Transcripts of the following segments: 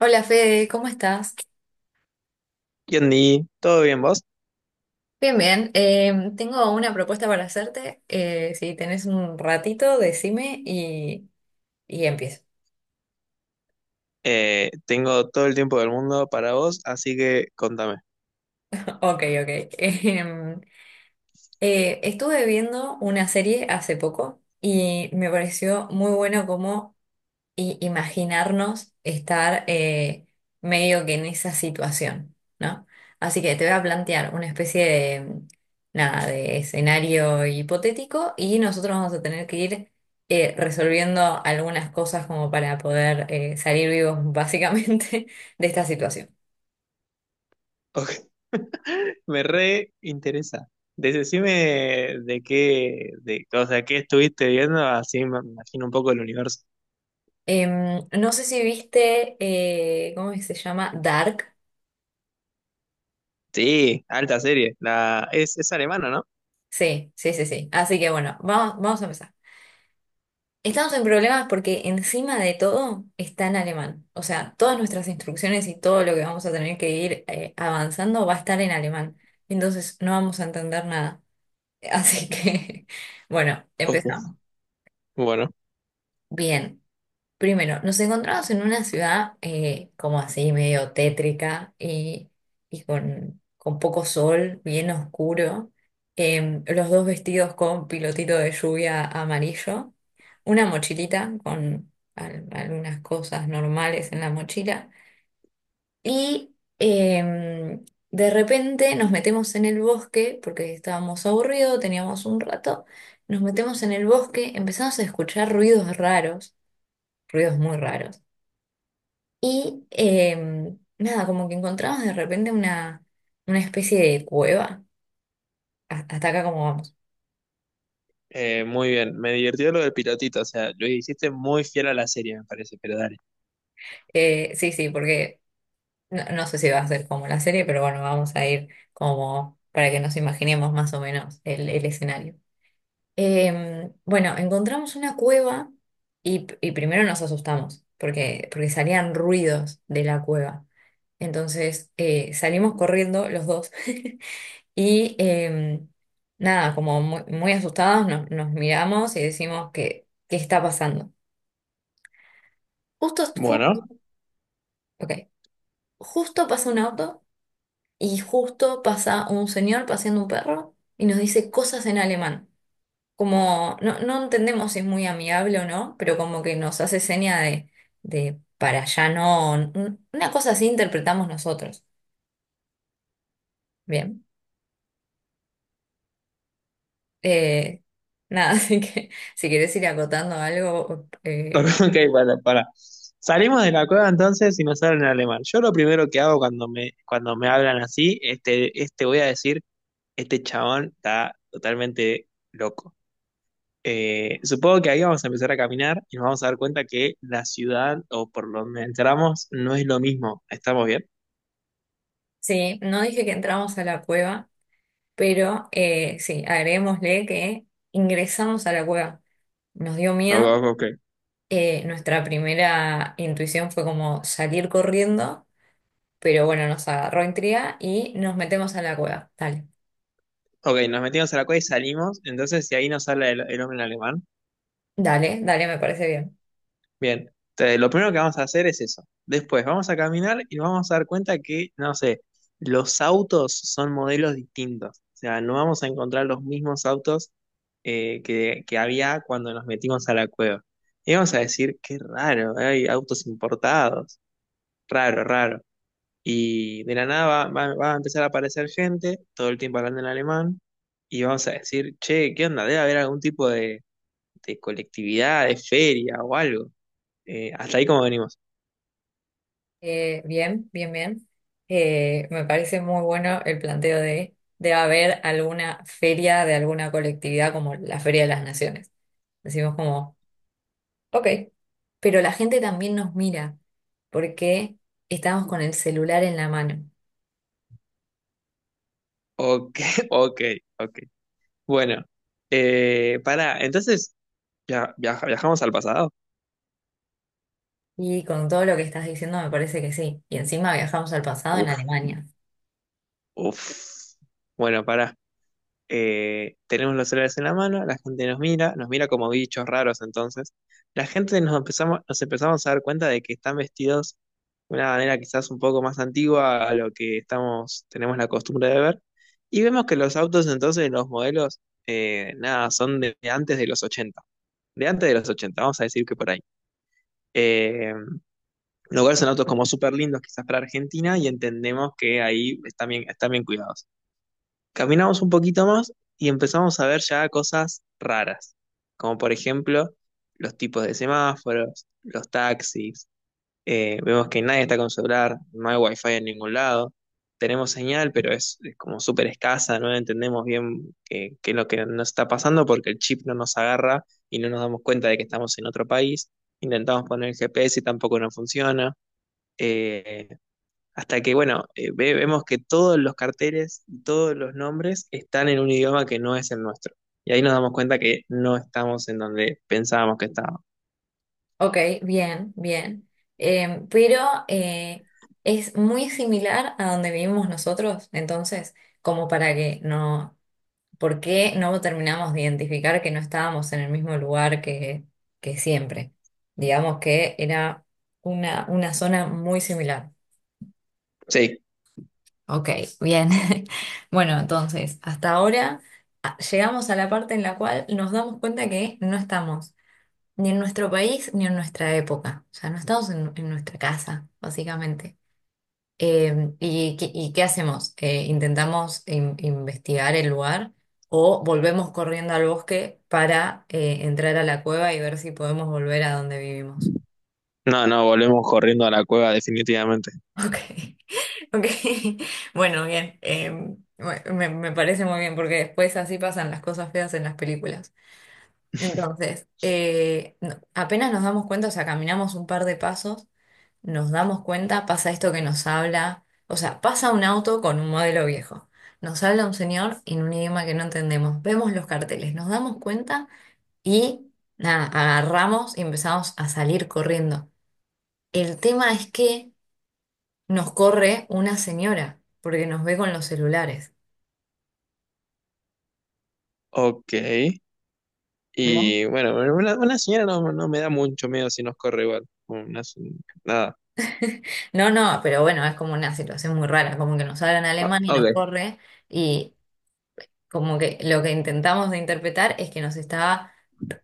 Hola Fede, ¿cómo estás? Yandy, ¿todo bien vos? Bien, bien. Tengo una propuesta para hacerte. Si tenés un ratito, decime y empiezo. Tengo todo el tiempo del mundo para vos, así que contame. Ok, ok. Em, Estuve viendo una serie hace poco y me pareció muy bueno cómo y imaginarnos estar medio que en esa situación, ¿no? Así que te voy a plantear una especie de, nada, de escenario hipotético y nosotros vamos a tener que ir resolviendo algunas cosas como para poder salir vivos básicamente de esta situación. Ok. Me re interesa. Decime de qué, o sea, qué estuviste viendo, así me imagino un poco el universo. No sé si viste, ¿cómo se llama? Dark. Sí, alta serie. Es alemana, ¿no? Sí, sí, sí, sí. Así que bueno, vamos a empezar. Estamos en problemas porque encima de todo está en alemán. O sea, todas nuestras instrucciones y todo lo que vamos a tener que ir avanzando va a estar en alemán. Entonces no vamos a entender nada. Así que, bueno, Ok, empezamos. bueno, Bien. Primero, nos encontramos en una ciudad como así, medio tétrica y con poco sol, bien oscuro. Los dos vestidos con pilotito de lluvia amarillo, una mochilita con algunas cosas normales en la mochila. Y em, de repente nos metemos en el bosque, porque estábamos aburridos, teníamos un rato, nos metemos en el bosque, empezamos a escuchar ruidos raros, ruidos muy raros y nada, como que encontramos de repente una especie de cueva. Hasta acá como vamos. Muy bien. Me divirtió lo del pilotito, o sea, lo hiciste muy fiel a la serie, me parece, pero dale. Sí, sí, porque no, no sé si va a ser como la serie, pero bueno, vamos a ir como para que nos imaginemos más o menos el escenario. Bueno, encontramos una cueva y primero nos asustamos porque, porque salían ruidos de la cueva. Entonces salimos corriendo los dos. Y em, Nada, como muy, muy asustados nos miramos y decimos que, ¿qué está pasando? Justo, justo, Bueno. ok, justo pasa un auto y justo pasa un señor paseando un perro y nos dice cosas en alemán. Como, no, no entendemos si es muy amigable o no, pero como que nos hace seña de para allá no, una cosa así interpretamos nosotros. Bien. Eh, Nada, así que si querés ir acotando algo, Ok, para, para. Salimos de la cueva entonces y nos hablan en alemán. Yo lo primero que hago cuando me hablan así, voy a decir, este chabón está totalmente loco. Supongo que ahí vamos a empezar a caminar y nos vamos a dar cuenta que la ciudad o por donde entramos no es lo mismo. ¿Estamos bien? sí, no dije que entramos a la cueva, pero sí, agreguémosle que ingresamos a la cueva. Nos dio Ok, miedo. ok, ok. Nuestra primera intuición fue como salir corriendo, pero bueno, nos agarró intriga y nos metemos a la cueva. Dale, Ok, nos metimos a la cueva y salimos. Entonces, si ahí nos habla el hombre en alemán, dale, dale, me parece bien. bien, lo primero que vamos a hacer es eso. Después vamos a caminar y vamos a dar cuenta que, no sé, los autos son modelos distintos. O sea, no vamos a encontrar los mismos autos que había cuando nos metimos a la cueva. Y vamos a decir, qué raro, hay autos importados. Raro, raro. Y de la nada va a empezar a aparecer gente, todo el tiempo hablando en alemán, y vamos a decir, che, ¿qué onda? Debe haber algún tipo de colectividad, de feria o algo. Hasta ahí como venimos. Bien, bien, bien. Me parece muy bueno el planteo de debe haber alguna feria de alguna colectividad como la Feria de las Naciones. Decimos como ok, pero la gente también nos mira porque estamos con el celular en la mano. Ok. Ok, ok. Bueno, para, entonces, ya, viajamos al pasado. Y con todo lo que estás diciendo me parece que sí. Y encima viajamos al pasado en Uf, Alemania. uf. Bueno, para. Tenemos los celulares en la mano, la gente nos mira como bichos raros entonces. La gente nos empezamos a dar cuenta de que están vestidos de una manera quizás un poco más antigua a lo que estamos, tenemos la costumbre de ver. Y vemos que los autos entonces, los modelos, nada, son de antes de los 80. De antes de los 80, vamos a decir que por ahí. Eh, Lugares en autos como súper lindos, quizás para Argentina, y entendemos que ahí están bien cuidados. Caminamos un poquito más y empezamos a ver ya cosas raras, como por ejemplo los tipos de semáforos, los taxis, vemos que nadie está con celular, no hay wifi en ningún lado. Tenemos señal, pero es como súper escasa, no entendemos bien qué es lo que nos está pasando porque el chip no nos agarra y no nos damos cuenta de que estamos en otro país. Intentamos poner el GPS y tampoco nos funciona. Eh, Hasta que, bueno, vemos que todos los carteles y todos los nombres están en un idioma que no es el nuestro. Y ahí nos damos cuenta que no estamos en donde pensábamos que estábamos. Ok, bien, bien. Pero eh, es muy similar a donde vivimos nosotros, entonces, como para que no, ¿por qué no terminamos de identificar que no estábamos en el mismo lugar que siempre? Digamos que era una zona muy similar. Sí, Ok, bien. Bueno, entonces, hasta ahora llegamos a la parte en la cual nos damos cuenta que no estamos ni en nuestro país ni en nuestra época. O sea, no estamos en nuestra casa, básicamente. ¿Y, qué y qué hacemos? ¿Intentamos investigar el lugar o volvemos corriendo al bosque para entrar a la cueva y ver si podemos volver a donde vivimos? no, no, volvemos corriendo a la cueva definitivamente. Ok, ok. Bueno, bien. Me parece muy bien porque después así pasan las cosas feas en las películas. Entonces, apenas nos damos cuenta, o sea, caminamos un par de pasos, nos damos cuenta, pasa esto que nos habla, o sea, pasa un auto con un modelo viejo. Nos habla un señor en un idioma que no entendemos. Vemos los carteles, nos damos cuenta y nada, agarramos y empezamos a salir corriendo. El tema es que nos corre una señora porque nos ve con los celulares. Ok. Y ¿Bien? bueno, bueno, una señora no, no me da mucho miedo si nos corre igual. Nada. No, no, pero bueno, es como una situación muy rara, como que nos hablan Ah, alemán y nos ok. corre y como que lo que intentamos de interpretar es que nos estaba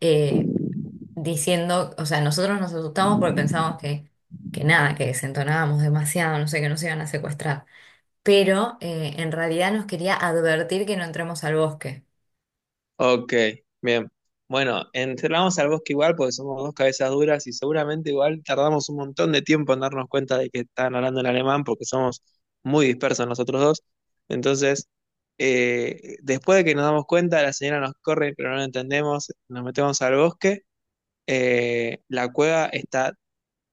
eh, diciendo, o sea, nosotros nos asustamos porque pensamos que nada, que desentonábamos demasiado, no sé, que nos iban a secuestrar, pero en realidad nos quería advertir que no entremos al bosque. Ok, bien. Bueno, entramos al bosque igual porque somos dos cabezas duras y seguramente igual tardamos un montón de tiempo en darnos cuenta de que están hablando en alemán porque somos muy dispersos nosotros dos. Entonces, después de que nos damos cuenta, la señora nos corre, pero no lo entendemos, nos metemos al bosque. La cueva está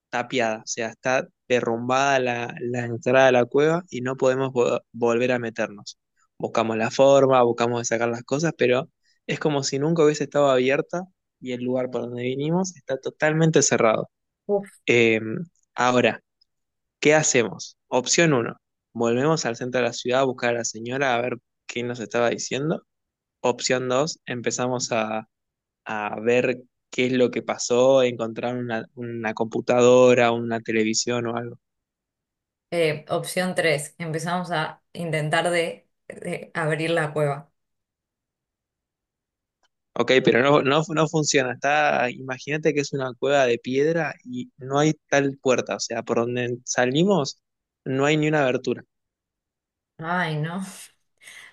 tapiada, o sea, está derrumbada la entrada de la cueva y no podemos volver a meternos. Buscamos la forma, buscamos de sacar las cosas, pero es como si nunca hubiese estado abierta y el lugar por donde vinimos está totalmente cerrado. Uf. Eh, Ahora, ¿qué hacemos? Opción uno: volvemos al centro de la ciudad a buscar a la señora a ver qué nos estaba diciendo. Opción 2: empezamos a, ver qué es lo que pasó, encontrar una computadora, una televisión o algo. Opción 3, empezamos a intentar de abrir la cueva. Ok, pero no, no, no funciona. Está, imagínate que es una cueva de piedra y no hay tal puerta. O sea, por donde salimos no hay ni una abertura. Ay, no.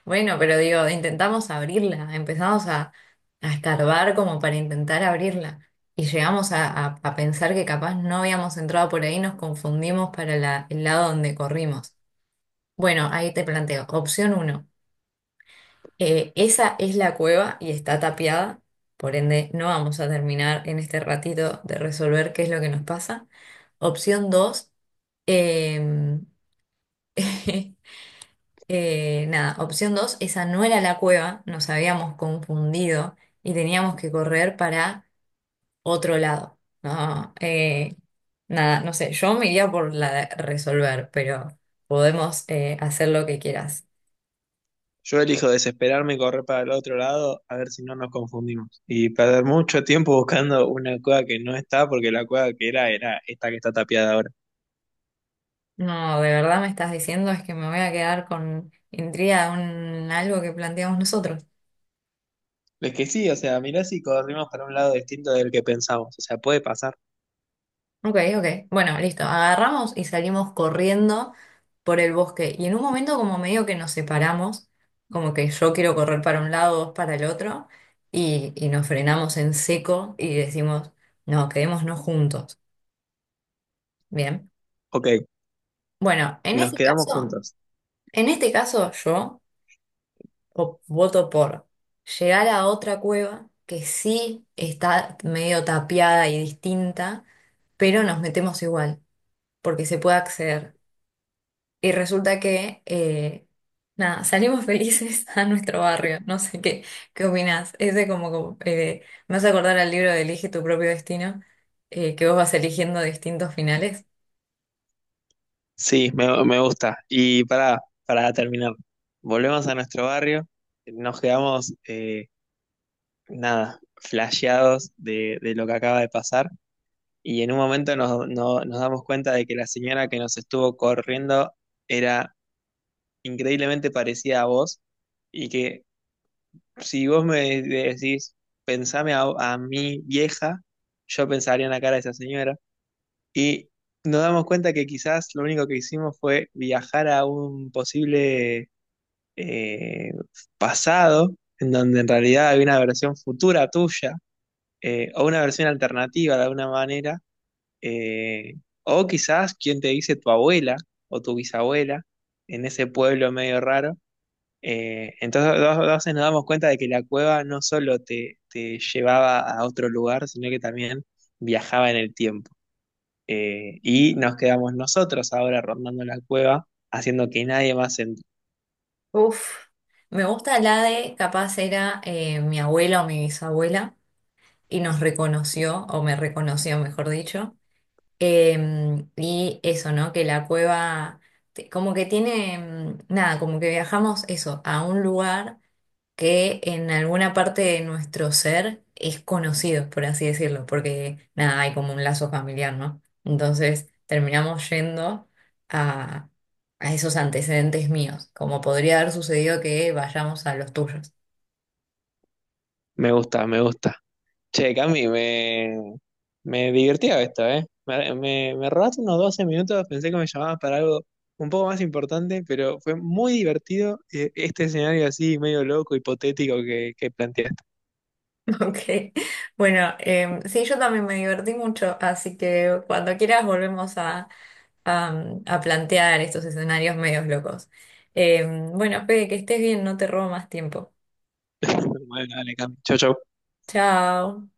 Bueno, pero digo, intentamos abrirla, empezamos a escarbar como para intentar abrirla y llegamos a, a pensar que capaz no habíamos entrado por ahí, nos confundimos para el lado donde corrimos. Bueno, ahí te planteo, opción uno, esa es la cueva y está tapiada, por ende no vamos a terminar en este ratito de resolver qué es lo que nos pasa. Opción dos, eh, nada, opción dos, esa no era la cueva, nos habíamos confundido y teníamos que correr para otro lado. No, nada, no sé, yo me iría por la de resolver, pero podemos hacer lo que quieras. Yo elijo desesperarme y correr para el otro lado a ver si no nos confundimos. Y perder mucho tiempo buscando una cueva que no está porque la cueva que era era esta que está tapiada ahora. No, de verdad me estás diciendo es que me voy a quedar con intriga de un, algo que planteamos nosotros. Es que sí, o sea, mirá si corrimos para un lado distinto del que pensamos. O sea, puede pasar. Ok, ok. Bueno, listo. Agarramos y salimos corriendo por el bosque. Y en un momento como medio que nos separamos, como que yo quiero correr para un lado, vos para el otro, y nos frenamos en seco y decimos, no, quedémonos juntos. Bien. Ok, Bueno, en nos este quedamos caso, juntos. en este caso yo voto por llegar a otra cueva que sí está medio tapiada y distinta, pero nos metemos igual, porque se puede acceder. Y resulta que, nada, salimos felices a nuestro barrio. No sé qué, qué opinás. Ese como, como, me hace acordar al libro de Elige tu propio destino, que vos vas eligiendo distintos finales. Sí, me gusta. Y para terminar, volvemos a nuestro barrio, nos quedamos, nada, flasheados de lo que acaba de pasar y en un momento nos, no- nos damos cuenta de que la señora que nos estuvo corriendo era increíblemente parecida a vos y que si vos me decís, pensame a, mi vieja, yo pensaría en la cara de esa señora y nos damos cuenta que quizás lo único que hicimos fue viajar a un posible eh, pasado, en donde en realidad hay una versión futura tuya, o una versión alternativa de alguna manera, eh, o quizás quien te dice tu abuela o tu bisabuela en ese pueblo medio raro. Entonces, dos veces nos damos cuenta de que la cueva no solo te, te llevaba a otro lugar, sino que también viajaba en el tiempo. Y nos quedamos nosotros ahora rondando la cueva, haciendo que nadie más entre. Uf, me gusta la de, capaz era mi abuela o mi bisabuela, y nos reconoció, o me reconoció, mejor dicho. Y eso, ¿no? Que la cueva, como que tiene, mm, nada, como que viajamos eso, a un lugar que en alguna parte de nuestro ser es conocido, por así decirlo, porque nada, hay como un lazo familiar, ¿no? Entonces terminamos yendo a, a esos antecedentes míos, como podría haber sucedido que vayamos a los tuyos. Me gusta, me gusta. Che, Cami, me divertía esto, ¿eh? Me robaste unos 12 minutos, pensé que me llamabas para algo un poco más importante, pero fue muy divertido este escenario así medio loco, hipotético que planteaste. Ok, bueno, sí, yo también me divertí mucho, así que cuando quieras volvemos a, a plantear estos escenarios medios locos. Bueno, Fede, que estés bien, no te robo más tiempo. Bueno, dale, Cami. Chau, chau. Chao.